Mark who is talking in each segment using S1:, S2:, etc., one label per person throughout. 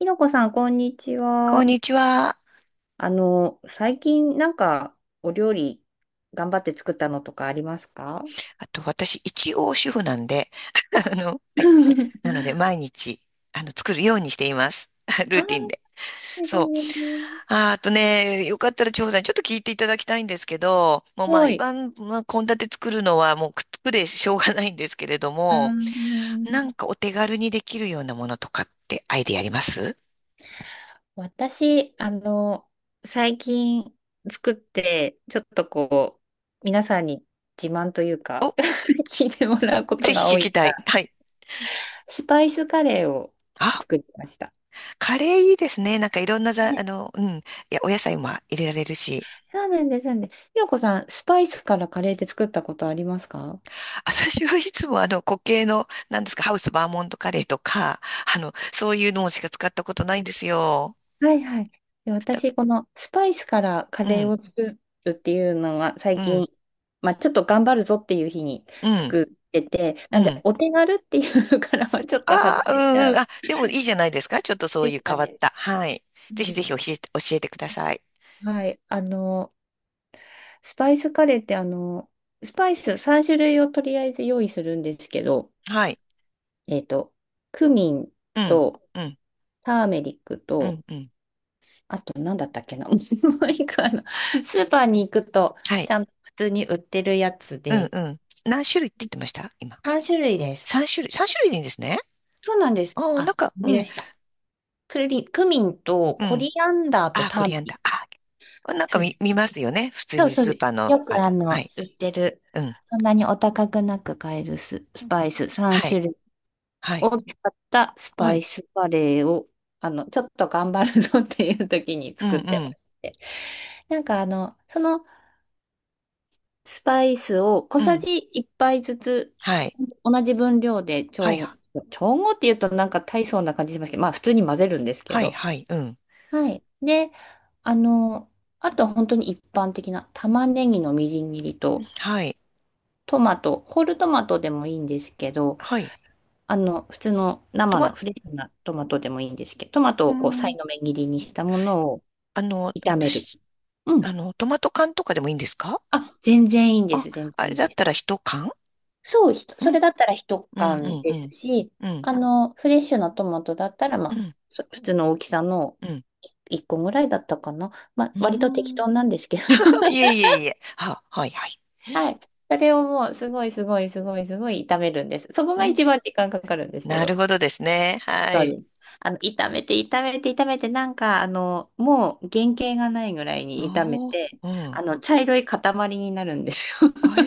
S1: ひろこさん、こんにち
S2: こん
S1: は。
S2: にちは。
S1: 最近なんかお料理頑張って作ったのとかありますか？
S2: あと、私、一応主婦なんで、はい。なので、毎日、作るようにしています。
S1: あ
S2: ル
S1: あ、
S2: ーティンで。
S1: 全
S2: そう。
S1: 然全然す
S2: あとね、よかったら、長さん、ちょっと聞いていただきたいんですけど、もう
S1: ご
S2: 毎
S1: い。
S2: 晩、まあ、献立作るのは、もう、くっつくでしょうがないんですけれど
S1: うー
S2: も、な
S1: ん。
S2: んかお手軽にできるようなものとかってアイディアあります？
S1: 私、最近作って、ちょっとこう、皆さんに自慢という
S2: お、
S1: か 聞いてもらうこ
S2: ぜ
S1: とが
S2: ひ聞
S1: 多い
S2: きた
S1: か
S2: い。
S1: ら、
S2: はい。
S1: スパイスカレーを
S2: あ、
S1: 作りました。
S2: カレーいいですね。なんかいろんなざ、
S1: ね、
S2: あの、うん。いや、お野菜も入れられるし。
S1: そうなんです、そうなんです。ひろこさん、スパイスからカレーって作ったことありますか？
S2: 私はいつもあの固形の、なんですか、ハウスバーモントカレーとか、そういうのしか使ったことないんですよ。
S1: はいはい。で、私、このスパイスからカ
S2: う
S1: レー
S2: ん、
S1: を作るっていうのが
S2: う
S1: 最
S2: ん、
S1: 近、まあ、ちょっと頑張るぞっていう日に
S2: うん、
S1: 作ってて、
S2: う
S1: なんで、
S2: ん。
S1: お手軽っていうからはちょっと
S2: あ
S1: 外
S2: あ、う
S1: れち
S2: ん、う
S1: ゃ
S2: ん。あ、
S1: う
S2: でもいいじゃないですか。ちょっとそう
S1: で
S2: いう
S1: すか
S2: 変わっ
S1: ね。
S2: た。はい。
S1: うん、
S2: ぜひぜひ教えて、教えてください。
S1: はい。スパイスカレーって、スパイス3種類をとりあえず用意するんですけど、
S2: はい。
S1: えっと、クミン
S2: うん、
S1: と、
S2: うん、
S1: ターメリック
S2: う
S1: と、
S2: ん、うん。
S1: あと、なんだったっけな。もう一個、スーパーに行くと、
S2: はい。
S1: ちゃんと普通に売ってるやつ
S2: うん、
S1: で、
S2: うん。何種類って言ってました今？
S1: 3種類です。
S2: 3種類。3種類でいいんですね。
S1: そうなんです。
S2: ああ、なん
S1: あ、
S2: か、
S1: 思い
S2: う
S1: 出
S2: ん、
S1: した。クミンと
S2: う
S1: コ
S2: ん。
S1: リアンダーと
S2: ああ、コ
S1: ターメ
S2: リアン
S1: リ
S2: ダ
S1: ッ
S2: ー。
S1: ク。
S2: ああ、なんか
S1: そうで
S2: 見、
S1: す。
S2: 見ますよね。普通
S1: そう
S2: に
S1: そう
S2: スー
S1: です。
S2: パーの、
S1: よく
S2: はい。
S1: 売ってる、
S2: うん。
S1: そんなにお高くなく買えるスパイス
S2: はい。
S1: 3種類
S2: はい。
S1: を使ったス
S2: は
S1: パイ
S2: い。
S1: スカレーを、ちょっと頑張るぞっていう時に
S2: うん、
S1: 作っ
S2: う
S1: てま
S2: ん、
S1: して。なんかそのスパイスを小
S2: う
S1: さ
S2: ん。
S1: じ1杯ずつ、
S2: はい。
S1: 同じ分量で
S2: はい、は
S1: 調合って言うとなんか大層な感じしますけど、まあ普通に混ぜるんですけ
S2: い、
S1: ど。
S2: はい、うん。
S1: はい。で、あの、あとは本当に一般的な玉ねぎのみじん切りと、
S2: はい、
S1: トマト、ホールトマトでもいいんですけど、
S2: はい。
S1: 普通の
S2: ト
S1: 生
S2: マ、
S1: のフレッシュなトマトでもいいんですけど、トマト
S2: う
S1: をこう、さ
S2: ん、
S1: いの目切りにしたものを炒める。
S2: 私、
S1: うん。
S2: トマト缶とかでもいいんですか？
S1: あ、全然いいんで
S2: あ、
S1: す。全
S2: あ
S1: 然い
S2: れ
S1: いん
S2: だ
S1: で
S2: っ
S1: す。
S2: たら一缶。
S1: そう、ひと
S2: う
S1: そ
S2: ん、
S1: れだったら一
S2: うん、
S1: 缶
S2: うん、
S1: で
S2: う
S1: す
S2: ん、
S1: し、
S2: うん、
S1: フレッシュなトマトだったら、ま
S2: う
S1: あ、
S2: ん、
S1: そ普通の大きさの
S2: うん。
S1: 一個ぐらいだったかな。まあ、
S2: うー
S1: 割と適
S2: ん
S1: 当なんですけど。
S2: いえ いえいえ。はい、はい。
S1: はい。それをもう、すごいすごいすごいすごい炒めるんです。そこ
S2: う
S1: が
S2: ん、
S1: 一番時間かかるんですけ
S2: なる
S1: ど。
S2: ほどですね。は
S1: そう
S2: い。
S1: です。炒めて、炒めて、炒めて、なんか、もう原型がないぐらいに炒め
S2: おー、
S1: て、
S2: うん。
S1: 茶色い塊になるんですよ。
S2: あえ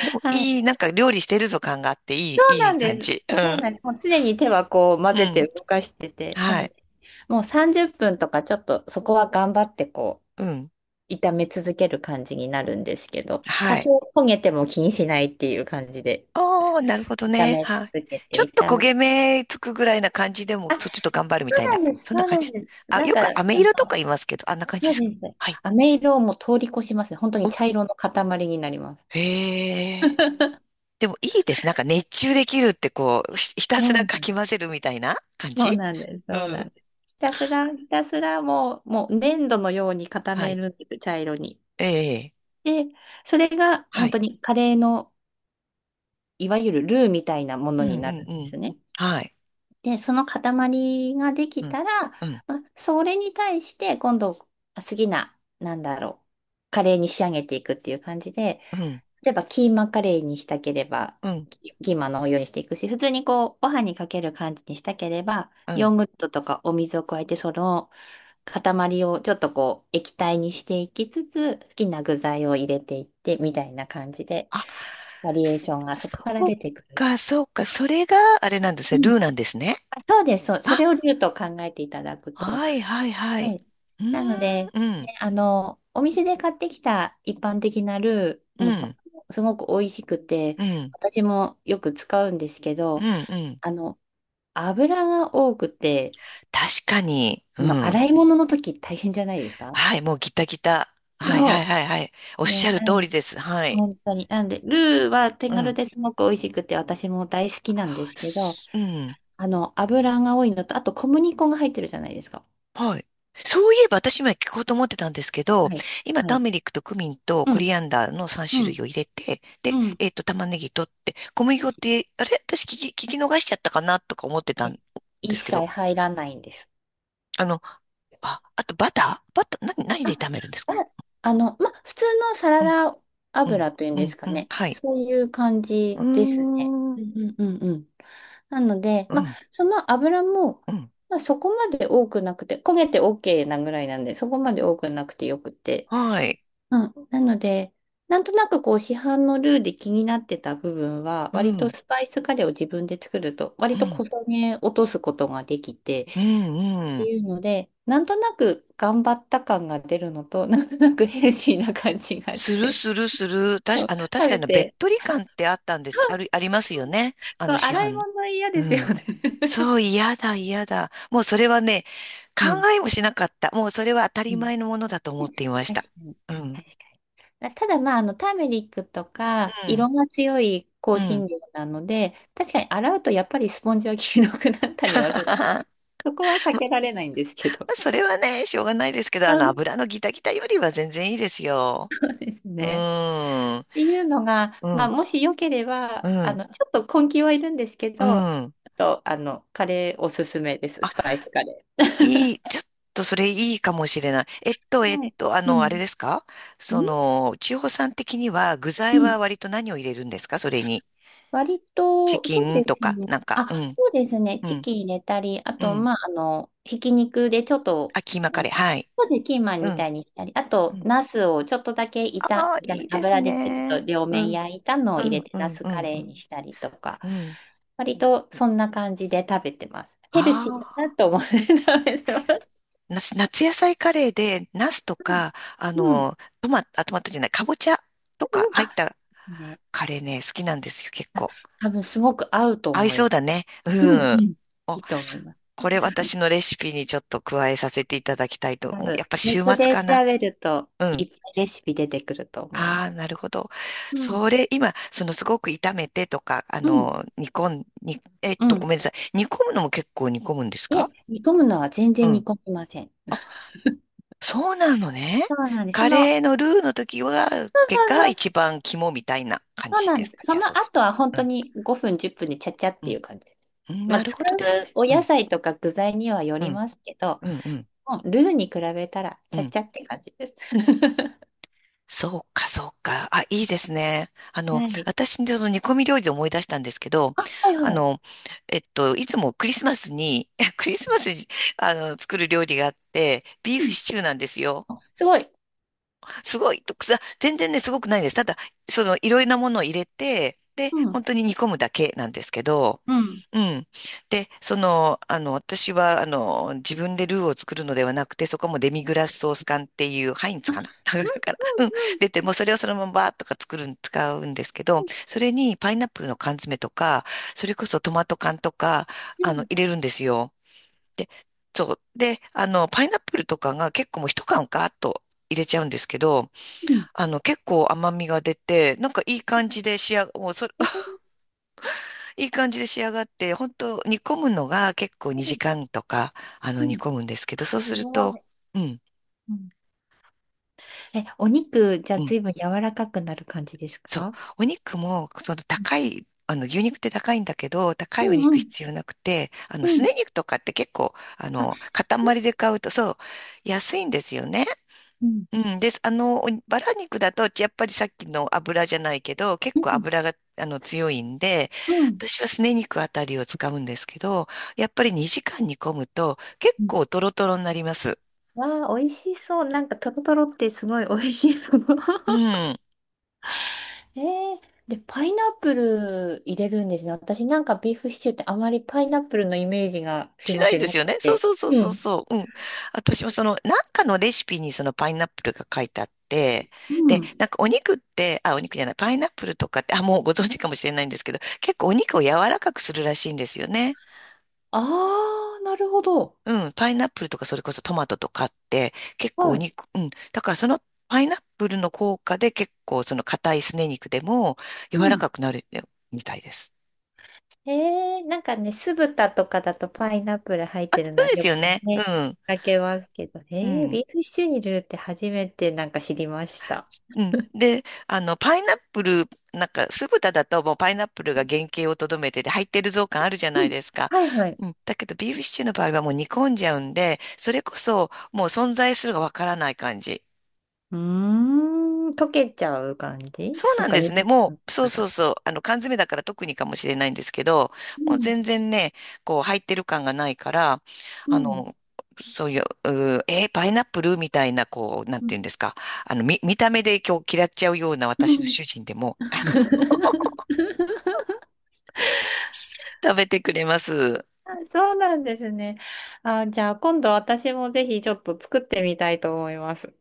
S2: ー。で も、
S1: は
S2: いい、
S1: い。
S2: なんか料理してるぞ感があって、いい、
S1: そう
S2: い
S1: な
S2: い
S1: ん
S2: 感
S1: です。
S2: じ。う
S1: そう
S2: ん。
S1: なんです。もう常に手はこう混
S2: う
S1: ぜて
S2: ん。
S1: 動かしてて、な
S2: は
S1: の
S2: い。
S1: で、もう30分とかちょっとそこは頑張ってこ
S2: うん。
S1: う、炒め続ける感じになるんですけど、多
S2: はい。
S1: 少焦げても気にしないっていう感じで、
S2: おー、なるほど
S1: 炒
S2: ね。
S1: め
S2: はい。
S1: 続け
S2: ちょ
S1: て、
S2: っと
S1: 炒
S2: 焦
S1: め、
S2: げ目つくぐらいな感じでも、ちょっと頑張るみ
S1: そう
S2: たい
S1: な
S2: な。
S1: んです、
S2: そんな
S1: そう
S2: 感
S1: な
S2: じ。
S1: んです。
S2: あ、
S1: なん
S2: よ
S1: か、
S2: く飴色とか言いますけど、あんな感じ
S1: そ
S2: で
S1: う
S2: すか？
S1: です。
S2: はい。
S1: 飴色をもう通り越しますね。本当に
S2: お、
S1: 茶色の塊になります。
S2: へえ。でもいいです。なんか熱中できるってこう、ひた
S1: そ
S2: す
S1: うな
S2: ら
S1: ん
S2: か
S1: で
S2: き
S1: す。
S2: 混ぜるみたいな感
S1: そう
S2: じ。
S1: なんです。
S2: う
S1: そうなん
S2: ん。
S1: です。ひたすら、ひたすらもう、もう粘土のように固
S2: は
S1: め
S2: い。
S1: るんです、茶色に。
S2: ええ。
S1: で、それが
S2: は
S1: 本
S2: い。
S1: 当にカレーのいわゆるルーみたいなも
S2: う
S1: の
S2: んう
S1: にな
S2: ん
S1: るん
S2: う
S1: で
S2: ん。
S1: すね。
S2: はい。
S1: で、その塊がで
S2: う
S1: き
S2: ん。
S1: たら、
S2: うん。
S1: まあ、それに対して今度好きな、なんだろう、カレーに仕上げていくっていう感じで、
S2: うん。
S1: 例えばキーマカレーにしたければ、
S2: うん。
S1: キキーマのお湯にしていくし、普通にこう、ご飯にかける感じにしたければ、
S2: う
S1: ヨ
S2: ん。
S1: ーグルトとかお水を加えて、その塊をちょっとこう、液体にしていきつつ、好きな具材を入れていって、みたいな感じで、
S2: あ、
S1: バリエー
S2: そ
S1: ションがそこから
S2: そっ
S1: 出てくる。
S2: そっか。それがあれなんです
S1: う
S2: ね。
S1: ん、
S2: ルーなんですね。
S1: あそうです、そう、それを竜と考えていただくと。
S2: はいはいは
S1: は
S2: い。
S1: い。
S2: う
S1: なので、
S2: ーん、うん、
S1: ね、お店で買ってきた一般的なルー
S2: うん、
S1: もすごく美味しくて、
S2: うん、
S1: 私もよく使うんですけ
S2: う
S1: ど、
S2: ん、うん。
S1: あの、油が多くて、
S2: 確かに、うん。
S1: 洗い物の時大変じゃないですか？
S2: はい、もうギタギタ。はい
S1: そ
S2: はいはいはい。おっ
S1: う。
S2: しゃ
S1: ね、
S2: る
S1: う
S2: 通
S1: ん。
S2: りです。はい。
S1: 本当に。なんで、ルーは手
S2: う
S1: 軽
S2: ん。
S1: ですごく美味しくて、私も大好きなんですけど、
S2: うん。
S1: 油が多いのと、あと小麦粉が入ってるじゃないですか。
S2: はい。そういえば私今聞こうと思ってたんですけど、
S1: はい。
S2: 今
S1: は
S2: ター
S1: い。
S2: メリックとクミンと
S1: う
S2: コ
S1: ん
S2: リアンダーの3
S1: う
S2: 種
S1: ん、
S2: 類を入れて、で、
S1: うん、
S2: 玉ねぎ取って、小麦粉
S1: うん。
S2: って、あれ私聞き逃しちゃったかなとか思ってたん
S1: ね、
S2: で
S1: 一
S2: すけ
S1: 切
S2: ど、
S1: 入らないんです。
S2: あの、あ、あとバター、何で
S1: あ、
S2: 炒めるんですか？
S1: あ、ま、普通のサラダ
S2: うん、
S1: 油というん
S2: う
S1: で
S2: ん、
S1: すか
S2: うん、
S1: ね。
S2: はい。
S1: そういう感
S2: うー
S1: じですね。
S2: ん、
S1: う
S2: う
S1: んうんうんうん。なので、ま、
S2: ん、
S1: その油も、
S2: うん、
S1: ま、そこまで多くなくて、焦げて OK なぐらいなんで、そこまで多くなくてよくて。
S2: はい。
S1: うん。なので、なんとなくこう市販のルーで気になってた部分は、
S2: う
S1: 割
S2: ん、う
S1: と
S2: ん、
S1: スパイスカレーを自分で作ると、割と小骨落とすことができて、
S2: うん、う
S1: て
S2: ん。
S1: いうので、なんとなく頑張った感が出るのと、なんとなくヘルシーな感じが
S2: す
S1: し
S2: る
S1: て、
S2: するする。たし、
S1: そ
S2: あ
S1: う
S2: の、確
S1: 食
S2: か
S1: べ
S2: に、べっ
S1: て、
S2: とり感ってあったんです。ありますよね。
S1: そう
S2: 市
S1: 洗い
S2: 販の。
S1: 物嫌です
S2: う
S1: よ
S2: ん。
S1: ね。
S2: そう、嫌だ、嫌だ。もうそれはね、考
S1: うん。
S2: えもしなかった。もうそれは当た
S1: う
S2: り
S1: ん。
S2: 前のものだと思っていまし
S1: 確
S2: た。
S1: かに、
S2: うん、
S1: 確かに。あただ、まあ、ターメリックとか、
S2: う
S1: 色
S2: ん、
S1: が強い
S2: う
S1: 香
S2: ん。
S1: 辛料なので、確かに洗うとやっぱりスポンジは黄色くなったりはする。そこは避けられないんですけど。
S2: それはね、しょうがないですけど、
S1: うん、
S2: 油のギタギタよりは全然いいですよ。
S1: そうです
S2: う
S1: ね。
S2: ーん。
S1: っていうのが、
S2: う
S1: まあ、
S2: ん。
S1: もしよけれ
S2: う
S1: ば、
S2: ん、
S1: ちょっと根気はいるんですけ
S2: う
S1: ど、あ
S2: ん。
S1: と、カレーおすすめです。
S2: あ、
S1: スパイスカレ
S2: ちょっとそれいいかもしれない。
S1: ー。はい。う
S2: あれ
S1: ん。
S2: ですか？そ
S1: ん
S2: の、千穂さん的には具
S1: う
S2: 材
S1: ん、
S2: は割と何を入れるんですか、それに？
S1: 割
S2: チ
S1: と、
S2: キ
S1: そう
S2: ン
S1: で
S2: と
S1: す
S2: か、
S1: ね。
S2: なんか、う
S1: あ、
S2: ん、
S1: そうですね。
S2: う
S1: チ
S2: ん、
S1: キン入れたり、あ
S2: う
S1: と、
S2: ん。
S1: まあ、ひき肉でちょっと、
S2: あ、キーマ
S1: そ
S2: カ
S1: う
S2: レー、
S1: で
S2: はい。
S1: すね、キーマン
S2: う
S1: みた
S2: ん、
S1: いにしたり、あ
S2: う
S1: と、
S2: ん。
S1: ナスをちょっとだけ
S2: ああ、
S1: 炒
S2: い
S1: め、
S2: いです
S1: 油でちょっと
S2: ね。
S1: 両
S2: う
S1: 面
S2: ん、
S1: 焼いたのを
S2: う
S1: 入れ
S2: ん、
S1: て、
S2: う
S1: ナ
S2: ん、
S1: ス
S2: う
S1: カ
S2: ん、う
S1: レー
S2: ん。
S1: にしたりとか、
S2: うん。
S1: 割とそんな感じで食べてます。ヘルシーだ
S2: ああ、
S1: なと思って食べてます。
S2: 夏野菜カレーで、ナスと
S1: うん。
S2: か、
S1: うん、
S2: あ、トマトじゃない、かぼちゃとか入っ
S1: あ、
S2: た
S1: ね。
S2: カレーね、好きなんですよ、結
S1: あ、
S2: 構。
S1: 多分すごく合うと
S2: 合い
S1: 思い
S2: そ
S1: ま
S2: う
S1: す。
S2: だね。う
S1: うんう
S2: ん。
S1: ん。い
S2: お、
S1: いと思います。
S2: これ私のレシピにちょっと加えさせていただきたいと
S1: 多
S2: 思う。や
S1: 分
S2: っぱ
S1: ネ
S2: 週
S1: ット
S2: 末
S1: で
S2: かな。
S1: 調べると、
S2: う
S1: い
S2: ん。
S1: っぱいレシピ出てくると思う
S2: あ
S1: の。
S2: あ、なるほど。
S1: うん。
S2: それ、今、すごく炒めてとか、あ
S1: うん。
S2: の、煮込ん、に、えっ
S1: う
S2: と、ご
S1: ん。
S2: めんなさい。煮込むのも結構煮込むんです
S1: いえ、
S2: か？
S1: 煮込むのは全
S2: う
S1: 然煮
S2: ん。
S1: 込みません。
S2: あ、そうなのね。
S1: そうなんです。そ
S2: カ
S1: の、
S2: レーのルーの時は、結果
S1: そうそ
S2: 一
S1: う、
S2: 番肝みたいな感
S1: そう
S2: じ
S1: なん
S2: で
S1: で
S2: す
S1: す。
S2: か？じ
S1: そ
S2: ゃあ
S1: の
S2: そうする
S1: 後
S2: と。
S1: は本当に5分、10分でちゃちゃっ
S2: う
S1: てい
S2: ん。
S1: う感じです。
S2: うん。
S1: まあ、
S2: なる
S1: 使
S2: ほどです
S1: う
S2: ね。
S1: お
S2: う
S1: 野
S2: ん。
S1: 菜とか具材にはよ
S2: う
S1: り
S2: ん。
S1: ますけど、
S2: うん。うん。
S1: もうルーに比べたら
S2: う
S1: ちゃ
S2: ん
S1: ちゃって感じです。
S2: そうか、そうか。あ、いいですね。
S1: はい。
S2: 私、その煮込み料理で思い出したんですけど、
S1: あ、はい
S2: あ
S1: はい。
S2: の、いつもクリスマスに、クリスマスに、作る料理があって、ビー
S1: う
S2: フ
S1: ん。
S2: シチューなんですよ。
S1: あ、すごい。
S2: すごい、とくさ、全然ね、すごくないです。ただ、いろいろなものを入れて、で、
S1: うん。
S2: 本当に煮込むだけなんですけど、
S1: うん。
S2: うん。で、私は、自分でルーを作るのではなくて、そこもデミグラスソース缶っていう、ハインツ
S1: あ、うん、
S2: かな から、うん。
S1: うん、
S2: 出て、もうそれをそのままバーッとか作るん、使うんですけど、それにパイナップルの缶詰とか、それこそトマト缶とか、
S1: うん、う
S2: 入れるんですよ。で、そう。で、パイナップルとかが結構もう一缶ガーッと入れちゃうんですけど、
S1: ん。うん、
S2: 結構甘みが出て、なんかいい感じで仕上が、もうそれ、
S1: え
S2: いい感じで仕上がって、本当煮込むのが結構2
S1: ー、
S2: 時間とか、
S1: う
S2: 煮
S1: ん、
S2: 込むんですけど、そうす
S1: す
S2: る
S1: ご
S2: と、
S1: い。
S2: うん、
S1: うん、え、お肉、じゃあ
S2: うん、
S1: 随分柔らかくなる感じです
S2: そう。
S1: か？
S2: お肉も、その
S1: うん
S2: 高い、あの、牛肉って高いんだけど、高
S1: う
S2: いお肉
S1: ん
S2: 必要なくて、
S1: う
S2: すね
S1: ん。
S2: 肉とかって結構、
S1: あ、
S2: 塊で買うと、そう、安いんですよね。
S1: うん
S2: うん、です。バラ肉だと、やっぱりさっきの油じゃないけど、結
S1: う
S2: 構
S1: ん
S2: 油が、強いんで、
S1: うん
S2: 私はすね肉あたりを使うんですけど、やっぱり2時間煮込むと、結
S1: うん。
S2: 構トロトロになります。
S1: わあ、美味しそう。なんか、トロトロってすごい美味しいと思う。
S2: う ん。
S1: えー、で、パイナップル入れるんですね。私なんかビーフシチューってあまりパイナップルのイメージがすい
S2: し
S1: ま
S2: ない
S1: せん、
S2: で
S1: な
S2: す
S1: く
S2: よね。そう
S1: て。
S2: そうそう
S1: う
S2: そう
S1: ん。
S2: そう。うん。私もその、なんかのレシピにそのパイナップルが書いてあって、
S1: う
S2: で、
S1: ん。
S2: なんかお肉って、あ、お肉じゃない、パイナップルとかって、あ、もうご存知かもしれないんですけど、結構お肉を柔らかくするらしいんですよね。
S1: ああ、なるほど。
S2: うん、パイナップルとかそれこそトマトとかって結構
S1: は
S2: お
S1: い。
S2: 肉、うん、だからそのパイナップルの効果で結構その硬いすね肉でも柔らかくなるみたいです。
S1: えー、なんかね、酢豚とかだとパイナップル入ってるの
S2: そ
S1: は
S2: うです
S1: よく
S2: よね。う
S1: ね、見
S2: ん、
S1: かけますけど、
S2: う
S1: えー、
S2: ん、
S1: ビーフシチューに入れるって初めてなんか知りました。
S2: うん。で、パイナップル、なんか酢豚だともうパイナップルが原型をとどめてて入ってるぞ感あるじゃな
S1: う
S2: い
S1: ん、
S2: ですか。
S1: はいはい。
S2: うん、だけどビーフシチューの場合はもう煮込んじゃうんで、それこそもう存在するがわからない感じ。
S1: うーん、溶けちゃう感じ、
S2: そう
S1: そ
S2: な
S1: っ
S2: ん
S1: か、
S2: ですね。
S1: 2時
S2: も
S1: 間と
S2: う、そう
S1: か
S2: そう
S1: だ。
S2: そう。缶詰だから特にかもしれないんですけど、
S1: う
S2: もう
S1: ん、
S2: 全然ね、こう、入ってる感がないから、
S1: う
S2: あ
S1: ん、
S2: の、そういう、うーえーパイナップルみたいな、こう、なん
S1: うん。
S2: ていうんですか？見た目で今日嫌っちゃうような
S1: う
S2: 私の
S1: ん、
S2: 主人でも、食べてくれます。
S1: あそうなんですね。あ、じゃあ今度私もぜひちょっと作ってみたいと思います。